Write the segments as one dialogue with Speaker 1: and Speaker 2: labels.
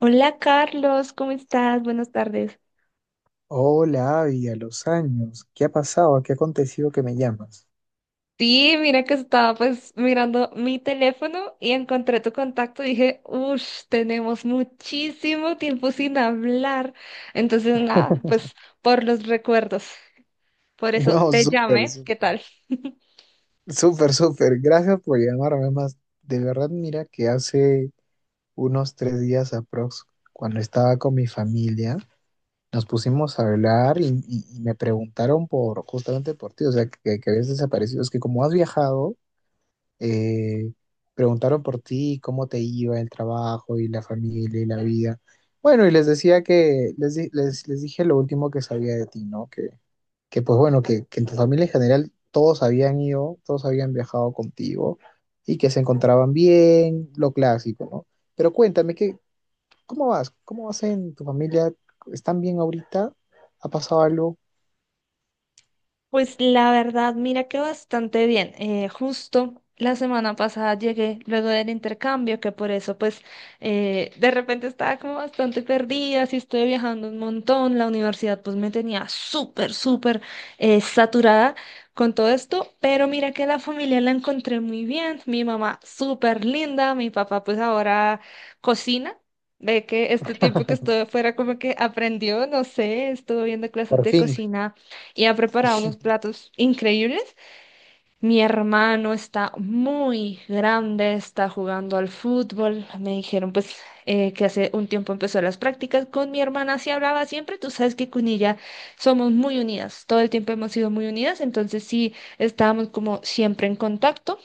Speaker 1: Hola Carlos, ¿cómo estás? Buenas tardes.
Speaker 2: Hola, Abby, a los años. ¿Qué ha pasado? ¿Qué ha acontecido que me llamas?
Speaker 1: Sí, mira que estaba mirando mi teléfono y encontré tu contacto y dije, uff, tenemos muchísimo tiempo sin hablar. Entonces, nada, pues por los recuerdos. Por eso
Speaker 2: No,
Speaker 1: te
Speaker 2: súper,
Speaker 1: llamé, ¿qué tal?
Speaker 2: súper, súper. Gracias por llamarme más. De verdad, mira que hace unos 3 días aprox, cuando estaba con mi familia, nos pusimos a hablar y me preguntaron por justamente por ti, o sea, que habías desaparecido. Es que como has viajado, eh, preguntaron por ti, cómo te iba el trabajo y la familia y la vida. Bueno, y les decía que les dije lo último que sabía de ti, ¿no? Que pues bueno, que en tu familia en general todos habían ido, todos habían viajado contigo y que se encontraban bien, lo clásico, ¿no? Pero cuéntame, ¿qué, cómo vas? ¿Cómo vas en tu familia? ¿Están bien ahorita? ¿Ha pasado algo?
Speaker 1: Pues la verdad, mira que bastante bien. Justo la semana pasada llegué luego del intercambio, que por eso de repente estaba como bastante perdida, sí estoy viajando un montón, la universidad pues me tenía súper, súper saturada con todo esto, pero mira que la familia la encontré muy bien, mi mamá súper linda, mi papá pues ahora cocina. Ve que este tiempo que estuve fuera como que aprendió, no sé, estuvo viendo clases
Speaker 2: Por
Speaker 1: de
Speaker 2: fin.
Speaker 1: cocina y ha preparado unos platos increíbles. Mi hermano está muy grande, está jugando al fútbol. Me dijeron que hace un tiempo empezó las prácticas. Con mi hermana sí hablaba siempre, tú sabes que con ella somos muy unidas, todo el tiempo hemos sido muy unidas, entonces sí estábamos como siempre en contacto.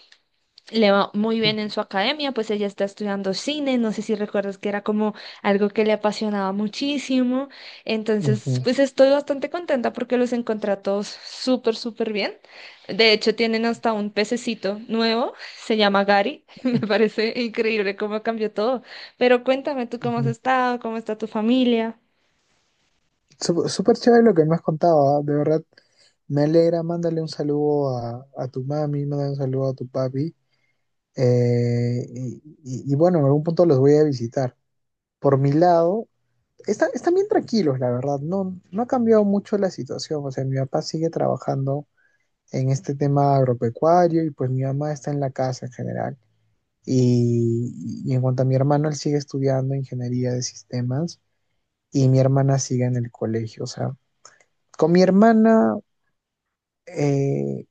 Speaker 1: Le va muy bien en su academia, pues ella está estudiando cine, no sé si recuerdas que era como algo que le apasionaba muchísimo, entonces
Speaker 2: Ujú,
Speaker 1: pues estoy bastante contenta porque los encontré a todos súper, súper bien. De hecho, tienen hasta un pececito nuevo, se llama Gary, me parece increíble cómo cambió todo, pero cuéntame tú cómo has
Speaker 2: ujú.
Speaker 1: estado, cómo está tu familia.
Speaker 2: Súper chévere lo que me has contado, ¿ah? De verdad, me alegra. Mándale un saludo a tu mami, mándale un saludo a tu papi. Y bueno, en algún punto los voy a visitar. Por mi lado, están bien tranquilos, la verdad. No ha cambiado mucho la situación. O sea, mi papá sigue trabajando en este tema agropecuario y pues mi mamá está en la casa en general. Y en cuanto a mi hermano, él sigue estudiando ingeniería de sistemas y mi hermana sigue en el colegio. O sea, con mi hermana eh,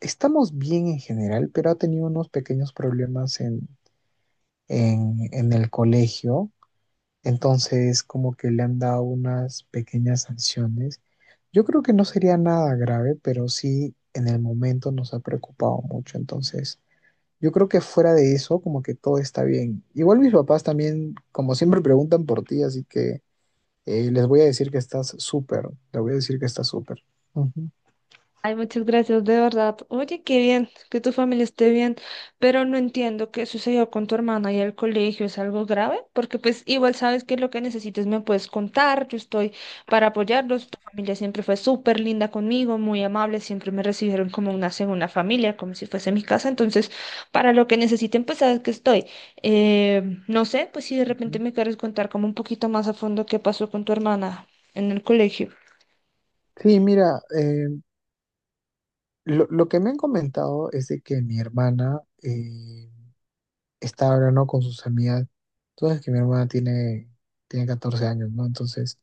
Speaker 2: estamos bien en general, pero ha tenido unos pequeños problemas en el colegio. Entonces, como que le han dado unas pequeñas sanciones. Yo creo que no sería nada grave, pero sí en el momento nos ha preocupado mucho. Entonces, yo creo que fuera de eso, como que todo está bien. Igual mis papás también, como siempre, preguntan por ti, así que les voy a decir que estás súper. Les voy a decir que estás súper. Ujú,
Speaker 1: Ay, muchas gracias, de verdad. Oye, qué bien que tu familia esté bien, pero no entiendo qué sucedió con tu hermana y el colegio. ¿Es algo grave? Porque pues igual sabes que lo que necesites me puedes contar. Yo estoy para apoyarlos. Tu familia siempre fue súper linda conmigo, muy amable. Siempre me recibieron como una segunda familia, como si fuese mi casa. Entonces, para lo que necesiten, pues sabes que estoy. Eh, no sé, pues si de repente
Speaker 2: ujú.
Speaker 1: me quieres contar como un poquito más a fondo qué pasó con tu hermana en el colegio.
Speaker 2: Sí, mira, lo que me han comentado es de que mi hermana está hablando con sus amigas. Entonces, que mi hermana tiene 14 años, ¿no? Entonces,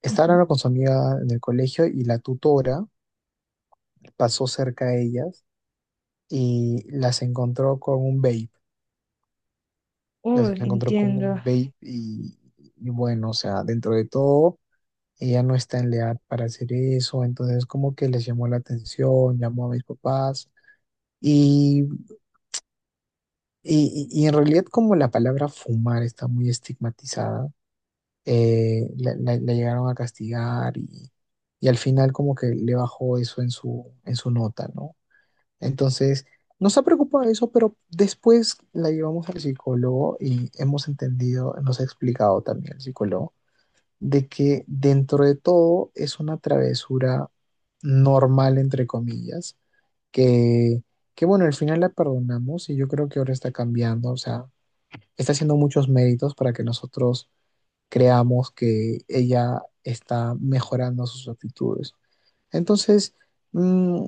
Speaker 2: está
Speaker 1: Ujú.
Speaker 2: hablando con su amiga en el colegio y la tutora pasó cerca de ellas y las encontró con un vape. Las
Speaker 1: Uy,
Speaker 2: encontró con un
Speaker 1: entiendo.
Speaker 2: vape y bueno, o sea, dentro de todo, ella no está en la edad para hacer eso. Entonces, como que les llamó la atención, llamó a mis papás. Y y en realidad como la palabra fumar está muy estigmatizada, la llegaron a castigar y al final como que le bajó eso en en su nota, ¿no? Entonces, nos ha preocupado eso, pero después la llevamos al psicólogo y hemos entendido, nos ha explicado también el psicólogo, de que dentro de todo es una travesura normal, entre comillas, que, que bueno, al final la perdonamos y yo creo que ahora está cambiando, o sea está haciendo muchos méritos para que nosotros creamos que ella está mejorando sus actitudes. Entonces, mm,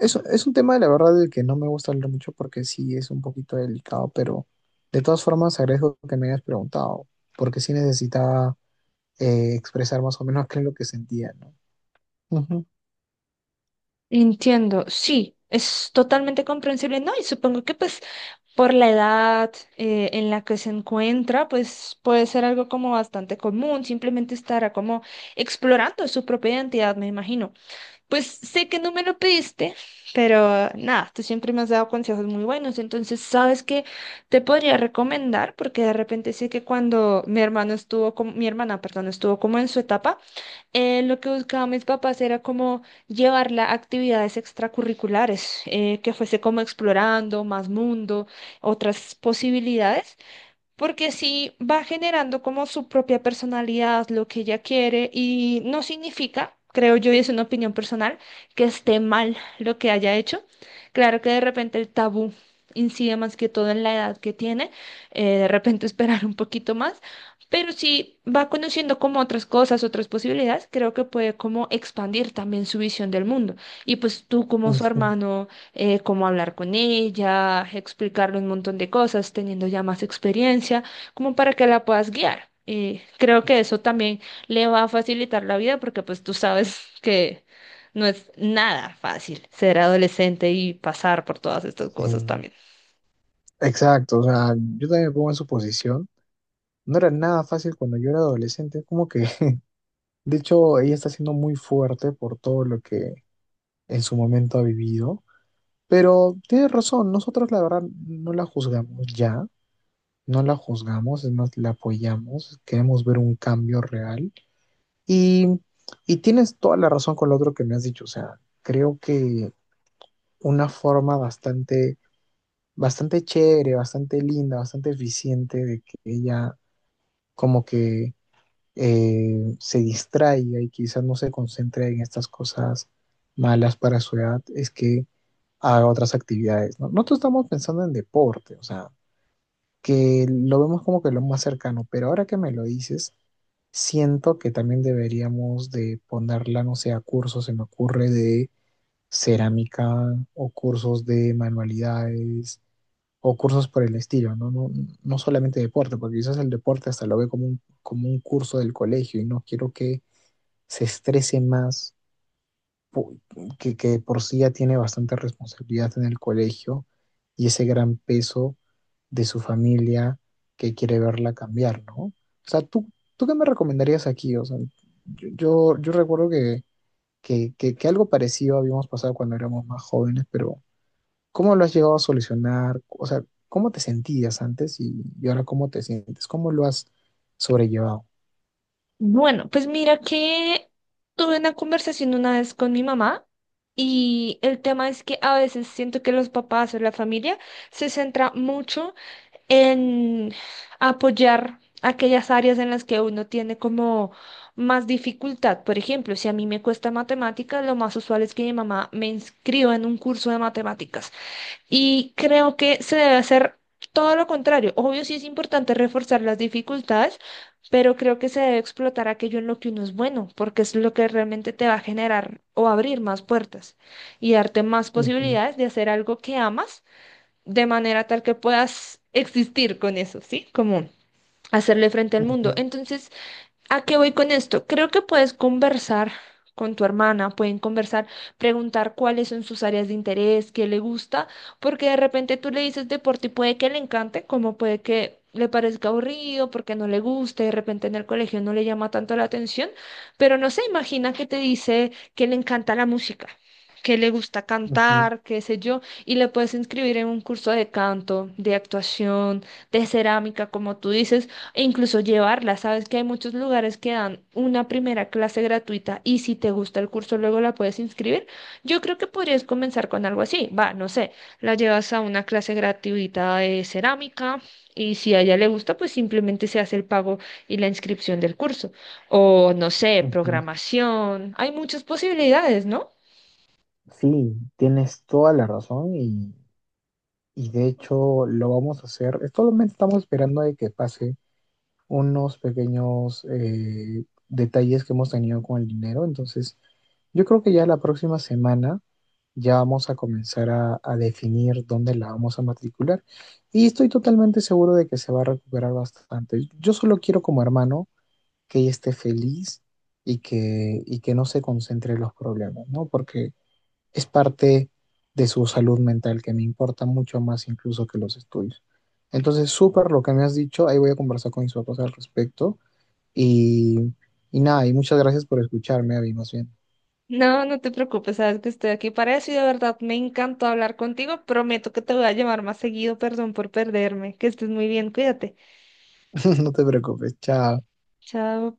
Speaker 2: es un tema, la verdad, del que no me gusta hablar mucho porque sí es un poquito delicado, pero de todas formas agradezco que me hayas preguntado, porque sí necesitaba expresar más o menos qué es lo que sentía, ¿no? Ujú,
Speaker 1: Entiendo, sí, es totalmente comprensible, ¿no? Y supongo que pues por la edad en la que se encuentra, pues puede ser algo como bastante común, simplemente estará como explorando su propia identidad, me imagino. Pues sé que no me lo pediste, pero nada, tú siempre me has dado consejos muy buenos, entonces sabes que te podría recomendar, porque de repente sé que cuando mi hermano estuvo como, mi hermana, perdón, estuvo como en su etapa, lo que buscaban mis papás era como llevarla a actividades extracurriculares, que fuese como explorando más mundo, otras posibilidades. Porque sí va generando como su propia personalidad, lo que ella quiere, y no significa, creo yo, y es una opinión personal, que esté mal lo que haya hecho. Claro que de repente el tabú incide más que todo en la edad que tiene, de repente esperar un poquito más, pero si va conociendo como otras cosas, otras posibilidades, creo que puede como expandir también su visión del mundo. Y pues tú como su
Speaker 2: ujú,
Speaker 1: hermano cómo hablar con ella, explicarle un montón de cosas, teniendo ya más experiencia, como para que la puedas guiar. Y creo que eso también le va a facilitar la vida porque pues tú sabes que no es nada fácil ser adolescente y pasar por todas estas cosas
Speaker 2: sí.
Speaker 1: también.
Speaker 2: Exacto, o sea, yo también me pongo en su posición. No era nada fácil cuando yo era adolescente, como que de hecho, ella está siendo muy fuerte por todo lo que en su momento ha vivido. Pero tiene razón, nosotros la verdad no la juzgamos ya, no la juzgamos, es más, la apoyamos, queremos ver un cambio real. Y, y tienes toda la razón con lo otro que me has dicho, o sea, creo que una forma bastante, bastante chévere, bastante linda, bastante eficiente de que ella como que se distraiga y quizás no se concentre en estas cosas malas para su edad, es que haga otras actividades, ¿no? Nosotros estamos pensando en deporte, o sea, que lo vemos como que lo más cercano, pero ahora que me lo dices, siento que también deberíamos de ponerla, no sé, a cursos, se me ocurre, de cerámica o cursos de manualidades o cursos por el estilo, ¿no? No, no solamente deporte, porque quizás el deporte hasta lo ve como un curso del colegio y no quiero que se estrese más, pu- que de por sí ya tiene bastante responsabilidad en el colegio y ese gran peso de su familia que quiere verla cambiar, ¿no? O sea, ¿tú, tú qué me recomendarías aquí? O sea, yo recuerdo que algo parecido habíamos pasado cuando éramos más jóvenes, pero ¿cómo lo has llegado a solucionar? O sea, ¿cómo te sentías antes y ahora cómo te sientes? ¿Cómo lo has sobrellevado?
Speaker 1: Bueno, pues mira que tuve una conversación una vez con mi mamá y el tema es que a veces siento que los papás o la familia se centra mucho en apoyar aquellas áreas en las que uno tiene como más dificultad. Por ejemplo, si a mí me cuesta matemáticas, lo más usual es que mi mamá me inscriba en un curso de matemáticas. Y creo que se debe hacer todo lo contrario. Obvio, sí es importante reforzar las dificultades, pero creo que se debe explotar aquello en lo que uno es bueno, porque es lo que realmente te va a generar o abrir más puertas y darte más
Speaker 2: Ujú,
Speaker 1: posibilidades de hacer algo que amas de manera tal que puedas existir con eso, ¿sí? Como hacerle frente al mundo.
Speaker 2: ujú,
Speaker 1: Entonces, ¿a qué voy con esto? Creo que puedes conversar con tu hermana, pueden conversar, preguntar cuáles son sus áreas de interés, qué le gusta, porque de repente tú le dices deporte y puede que le encante, como puede que le parezca aburrido, porque no le guste, de repente en el colegio no le llama tanto la atención, pero no se imagina que te dice que le encanta la música, que le gusta
Speaker 2: ujú,
Speaker 1: cantar, qué sé yo, y le puedes inscribir en un curso de canto, de actuación, de cerámica, como tú dices e incluso llevarla. Sabes que hay muchos lugares que dan una primera clase gratuita y si te gusta el curso luego la puedes inscribir. Yo creo que podrías comenzar con algo así. Va, no sé, la llevas a una clase gratuita de cerámica y si a ella le gusta, pues simplemente se hace el pago y la inscripción del curso. O no sé,
Speaker 2: ujú.
Speaker 1: programación. Hay muchas posibilidades, ¿no?
Speaker 2: Sí, tienes toda la razón y de hecho lo vamos a hacer. Solamente estamos esperando de que pase unos pequeños detalles que hemos tenido con el dinero. Entonces, yo creo que ya la próxima semana ya vamos a comenzar a definir dónde la vamos a matricular. Y estoy totalmente seguro de que se va a recuperar bastante. Yo solo quiero como hermano que ella esté feliz y que no se concentre en los problemas, ¿no? Porque es parte de su salud mental, que me importa mucho más incluso que los estudios. Entonces, súper lo que me has dicho, ahí voy a conversar con mis papás al respecto. Y, y nada, y muchas gracias por escucharme, Abby, más bien.
Speaker 1: No, no te preocupes, sabes que estoy aquí para eso y de verdad me encantó hablar contigo. Prometo que te voy a llamar más seguido, perdón por perderme. Que estés muy bien, cuídate.
Speaker 2: No te preocupes, chao.
Speaker 1: Chao.